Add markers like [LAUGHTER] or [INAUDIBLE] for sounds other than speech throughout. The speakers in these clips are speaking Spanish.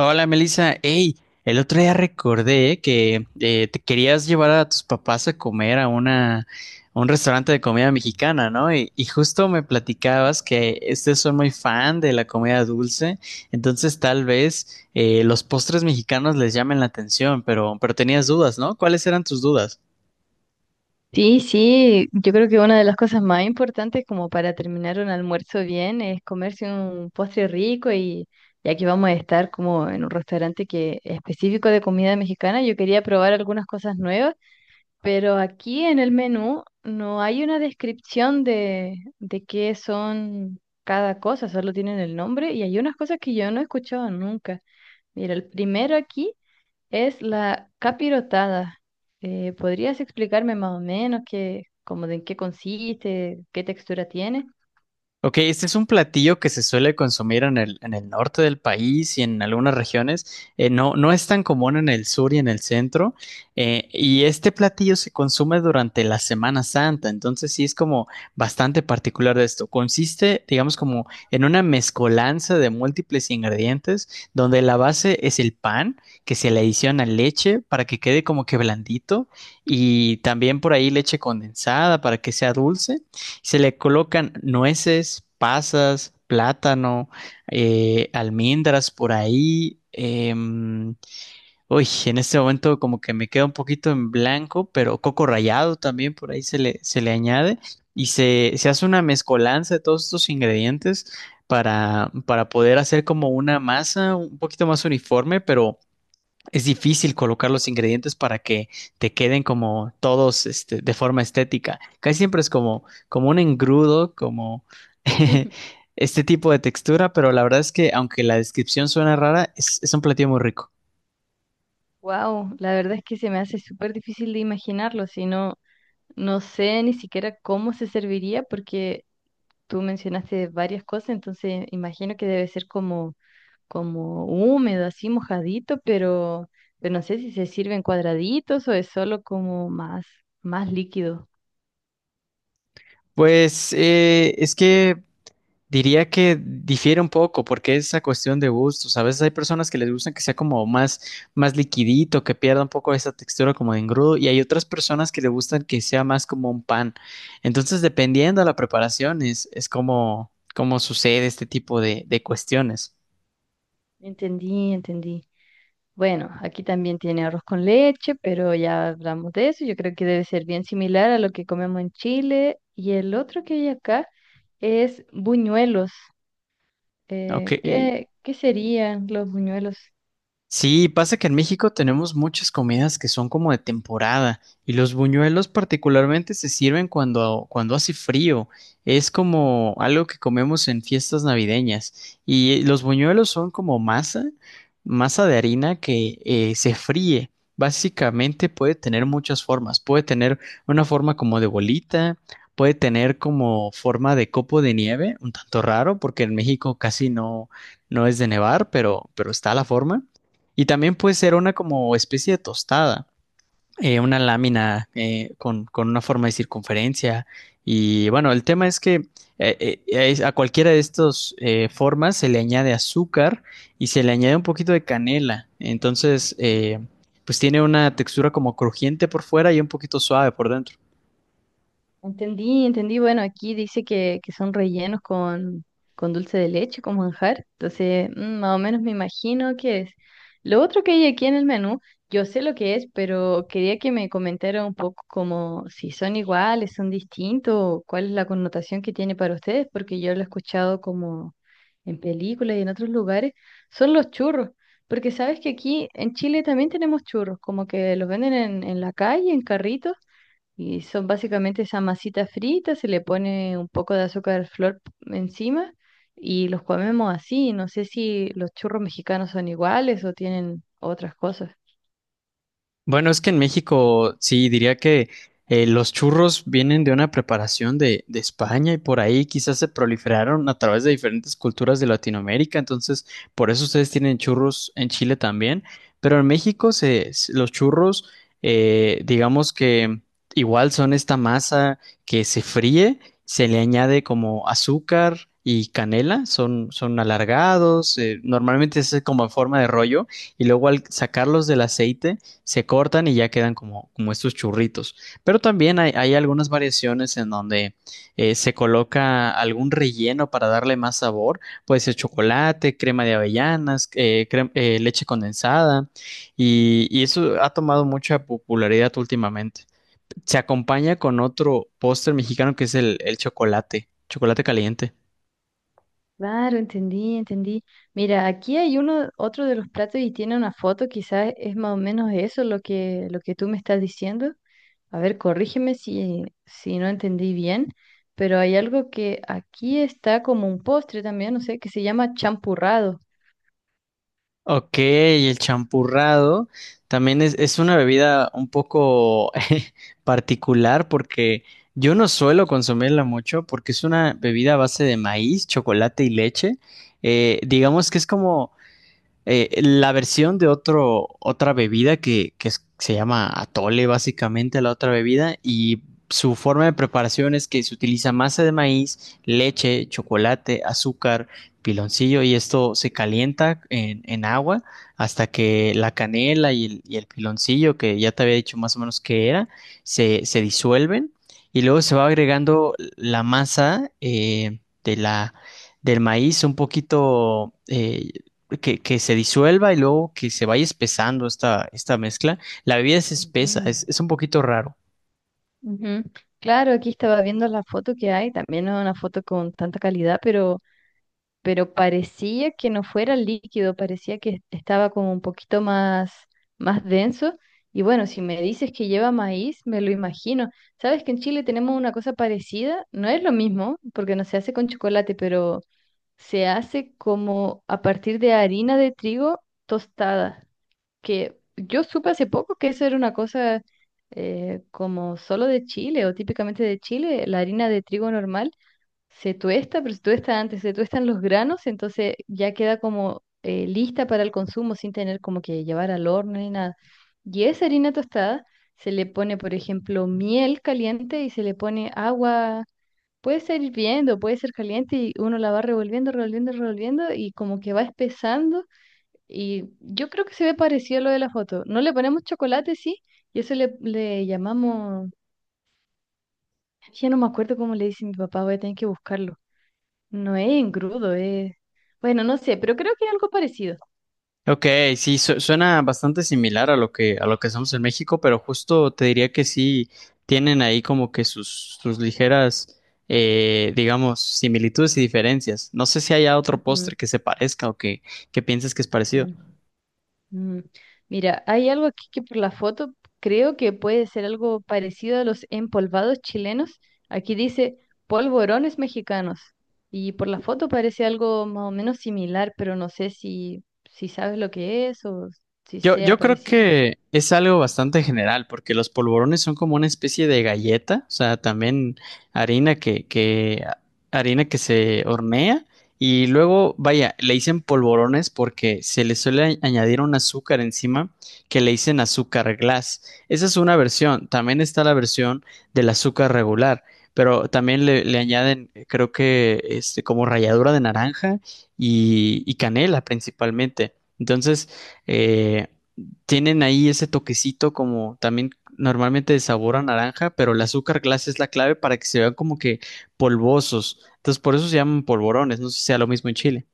Hola Melissa, hey, el otro día recordé que te querías llevar a tus papás a comer a un restaurante de comida mexicana, ¿no? Y justo me platicabas que ustedes son muy fan de la comida dulce, entonces tal vez los postres mexicanos les llamen la atención, pero tenías dudas, ¿no? ¿Cuáles eran tus dudas? Sí, sí, yo creo que una de las cosas más importantes como para terminar un almuerzo bien es comerse un postre rico y ya que vamos a estar como en un restaurante que es específico de comida mexicana, yo quería probar algunas cosas nuevas, pero aquí en el menú no hay una descripción de qué son cada cosa, solo tienen el nombre y hay unas cosas que yo no he escuchado nunca. Mira, el primero aquí es la capirotada. ¿Podrías explicarme más o menos qué, como de en qué consiste, qué textura tiene? Ok, este es un platillo que se suele consumir en el norte del país y en algunas regiones. No es tan común en el sur y en el centro. Y este platillo se consume durante la Semana Santa. Entonces sí es como bastante particular de esto. Consiste, digamos, como en una mezcolanza de múltiples ingredientes donde la base es el pan, que se le adiciona leche para que quede como que blandito, y también por ahí leche condensada para que sea dulce. Se le colocan nueces, pasas, plátano, almendras por ahí. Uy, en este momento como que me queda un poquito en blanco, pero coco rallado también por ahí se le añade, y se hace una mezcolanza de todos estos ingredientes para poder hacer como una masa un poquito más uniforme, pero es difícil colocar los ingredientes para que te queden como todos este, de forma estética. Casi siempre es como, como un engrudo, como [LAUGHS] Ujú. este tipo de textura, pero la verdad es que aunque la descripción suena rara, es un platillo muy rico. Wow, la verdad es que se me hace súper difícil de imaginarlo, si no, no sé ni siquiera cómo se serviría porque tú mencionaste varias cosas, entonces imagino que debe ser como, como húmedo, así mojadito, pero no sé si se sirve en cuadraditos o es solo como más, más líquido. Pues es que diría que difiere un poco porque es esa cuestión de gustos. A veces hay personas que les gustan que sea como más, más liquidito, que pierda un poco esa textura como de engrudo, y hay otras personas que les gustan que sea más como un pan. Entonces, dependiendo de la preparación, es como, como sucede este tipo de cuestiones. Entendí, entendí. Bueno, aquí también tiene arroz con leche, pero ya hablamos de eso. Yo creo que debe ser bien similar a lo que comemos en Chile. Y el otro que hay acá es buñuelos. Ok, ¿Qué, qué serían los buñuelos? sí, pasa que en México tenemos muchas comidas que son como de temporada y los buñuelos particularmente se sirven cuando, cuando hace frío. Es como algo que comemos en fiestas navideñas, y los buñuelos son como masa, masa de harina que se fríe. Básicamente puede tener muchas formas. Puede tener una forma como de bolita, puede tener como forma de copo de nieve, un tanto raro porque en México casi no, no es de nevar, pero está la forma. Y también puede ser una como especie de tostada, una lámina con una forma de circunferencia. Y bueno, el tema es que a cualquiera de estas formas se le añade azúcar y se le añade un poquito de canela. Entonces, pues tiene una textura como crujiente por fuera y un poquito suave por dentro. Entendí, entendí. Bueno, aquí dice que son rellenos con dulce de leche, con manjar. Entonces, mm, más o menos me imagino qué es. Lo otro que hay aquí en el menú, yo sé lo que es, pero quería que me comentara un poco como si son iguales, son distintos, o cuál es la connotación que tiene para ustedes, porque yo lo he escuchado como en películas y en otros lugares. Son los churros, porque sabes que aquí en Chile también tenemos churros, como que los venden en la calle, en carritos y son básicamente esa masita frita, se le pone un poco de azúcar flor encima y los comemos así. No sé si los churros mexicanos son iguales o tienen otras cosas. Bueno, es que en México sí diría que los churros vienen de una preparación de España y por ahí quizás se proliferaron a través de diferentes culturas de Latinoamérica, entonces por eso ustedes tienen churros en Chile también, pero en México los churros, digamos que igual son esta masa que se fríe, se le añade como azúcar y canela, son, son alargados, normalmente es como en forma de rollo, y luego al sacarlos del aceite se cortan y ya quedan como, como estos churritos. Pero también hay algunas variaciones en donde se coloca algún relleno para darle más sabor: puede ser chocolate, crema de avellanas, leche condensada, y eso ha tomado mucha popularidad últimamente. Se acompaña con otro póster mexicano que es el chocolate, chocolate caliente. Claro, entendí, entendí. Mira, aquí hay uno, otro de los platos y tiene una foto, quizás es más o menos eso lo que tú me estás diciendo. A ver, corrígeme si no entendí bien, pero hay algo que aquí está como un postre también, no sé, que se llama champurrado. Ok, y el champurrado también es una bebida un poco [LAUGHS] particular porque yo no suelo consumirla mucho porque es una bebida a base de maíz, chocolate y leche. Digamos que es como la versión de otra bebida que se llama atole, básicamente la otra bebida, y su forma de preparación es que se utiliza masa de maíz, leche, chocolate, azúcar, piloncillo, y esto se calienta en agua hasta que la canela y el piloncillo, que ya te había dicho más o menos qué era, se disuelven, y luego se va agregando la masa de la del maíz un poquito que se disuelva, y luego que se vaya espesando esta mezcla. La bebida es espesa, Ujú. es un poquito raro. Ujú. Claro, aquí estaba viendo la foto que hay, también no es una foto con tanta calidad, pero parecía que no fuera líquido, parecía que estaba como un poquito más, más denso. Y bueno, si me dices que lleva maíz, me lo imagino. Sabes que en Chile tenemos una cosa parecida, no es lo mismo, porque no se hace con chocolate, pero se hace como a partir de harina de trigo tostada que yo supe hace poco que eso era una cosa como solo de Chile o típicamente de Chile, la harina de trigo normal se tuesta, pero se tuesta antes, se tuestan los granos, entonces ya queda como lista para el consumo sin tener como que llevar al horno ni nada. Y esa harina tostada se le pone, por ejemplo, miel caliente y se le pone agua. Puede ser hirviendo, puede ser caliente y uno la va revolviendo, revolviendo, revolviendo y como que va espesando y yo creo que se ve parecido a lo de la foto. No le ponemos chocolate, sí, y eso le llamamos, ya no me acuerdo cómo le dice mi papá, voy a tener que buscarlo. No es engrudo, es... Bueno, no sé, pero creo que es algo parecido. Ok, sí, suena bastante similar a lo que hacemos en México, pero justo te diría que sí tienen ahí como que sus, sus ligeras, digamos, similitudes y diferencias. No sé si haya otro Ujú, postre que se parezca o que pienses que es parecido. ujú. Mm, mira, hay algo aquí que por la foto creo que puede ser algo parecido a los empolvados chilenos. Aquí dice polvorones mexicanos y por la foto parece algo más o menos similar, pero no sé si sabes lo que es o si Yo, sea yo creo parecido. que es algo bastante general, porque los polvorones son como una especie de galleta, o sea, también harina harina que se hornea, y luego, vaya, le dicen polvorones porque se le suele añadir un azúcar encima que le dicen azúcar glass. Esa es una versión, también está la versión del azúcar regular, pero también le añaden, creo que este, como ralladura de naranja y canela principalmente. Entonces, eh, tienen ahí ese toquecito como también normalmente de sabor a naranja, pero el azúcar glass es la clave para que se vean como que polvosos. Entonces, por eso se llaman polvorones. No sé si sea lo mismo en Chile.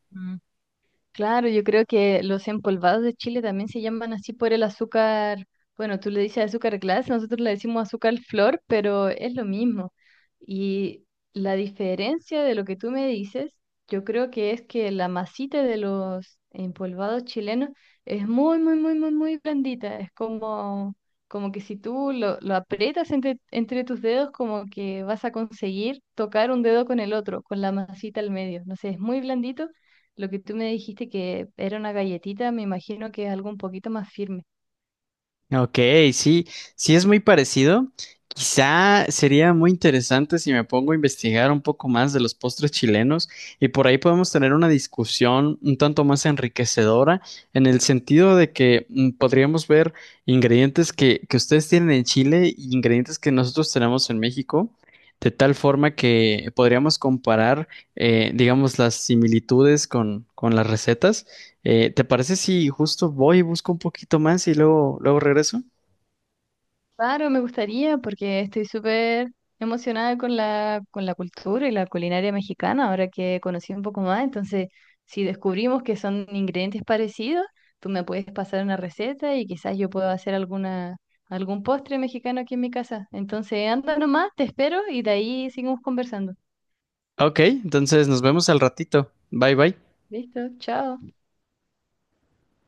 Claro, yo creo que los empolvados de Chile también se llaman así por el azúcar, bueno, tú le dices azúcar glass, nosotros le decimos azúcar flor, pero es lo mismo. Y la diferencia de lo que tú me dices, yo creo que es que la masita de los empolvados chilenos es muy, muy, muy, muy, muy blandita. Es como, como que si tú lo aprietas entre tus dedos, como que vas a conseguir tocar un dedo con el otro, con la masita al medio. No sé, es muy blandito lo que tú me dijiste que era una galletita, me imagino que es algo un poquito más firme. Ok, sí, sí es muy parecido. Quizá sería muy interesante si me pongo a investigar un poco más de los postres chilenos, y por ahí podemos tener una discusión un tanto más enriquecedora en el sentido de que mm, podríamos ver ingredientes que ustedes tienen en Chile y ingredientes que nosotros tenemos en México, de tal forma que podríamos comparar, digamos, las similitudes con las recetas. ¿Te parece si justo voy y busco un poquito más y luego, luego regreso? Claro, me gustaría porque estoy súper emocionada con con la cultura y la culinaria mexicana, ahora que conocí un poco más. Entonces, si descubrimos que son ingredientes parecidos, tú me puedes pasar una receta y quizás yo puedo hacer alguna, algún postre mexicano aquí en mi casa. Entonces, anda nomás, te espero y de ahí seguimos conversando. Ok, entonces nos vemos al ratito. Bye bye. Listo, chao.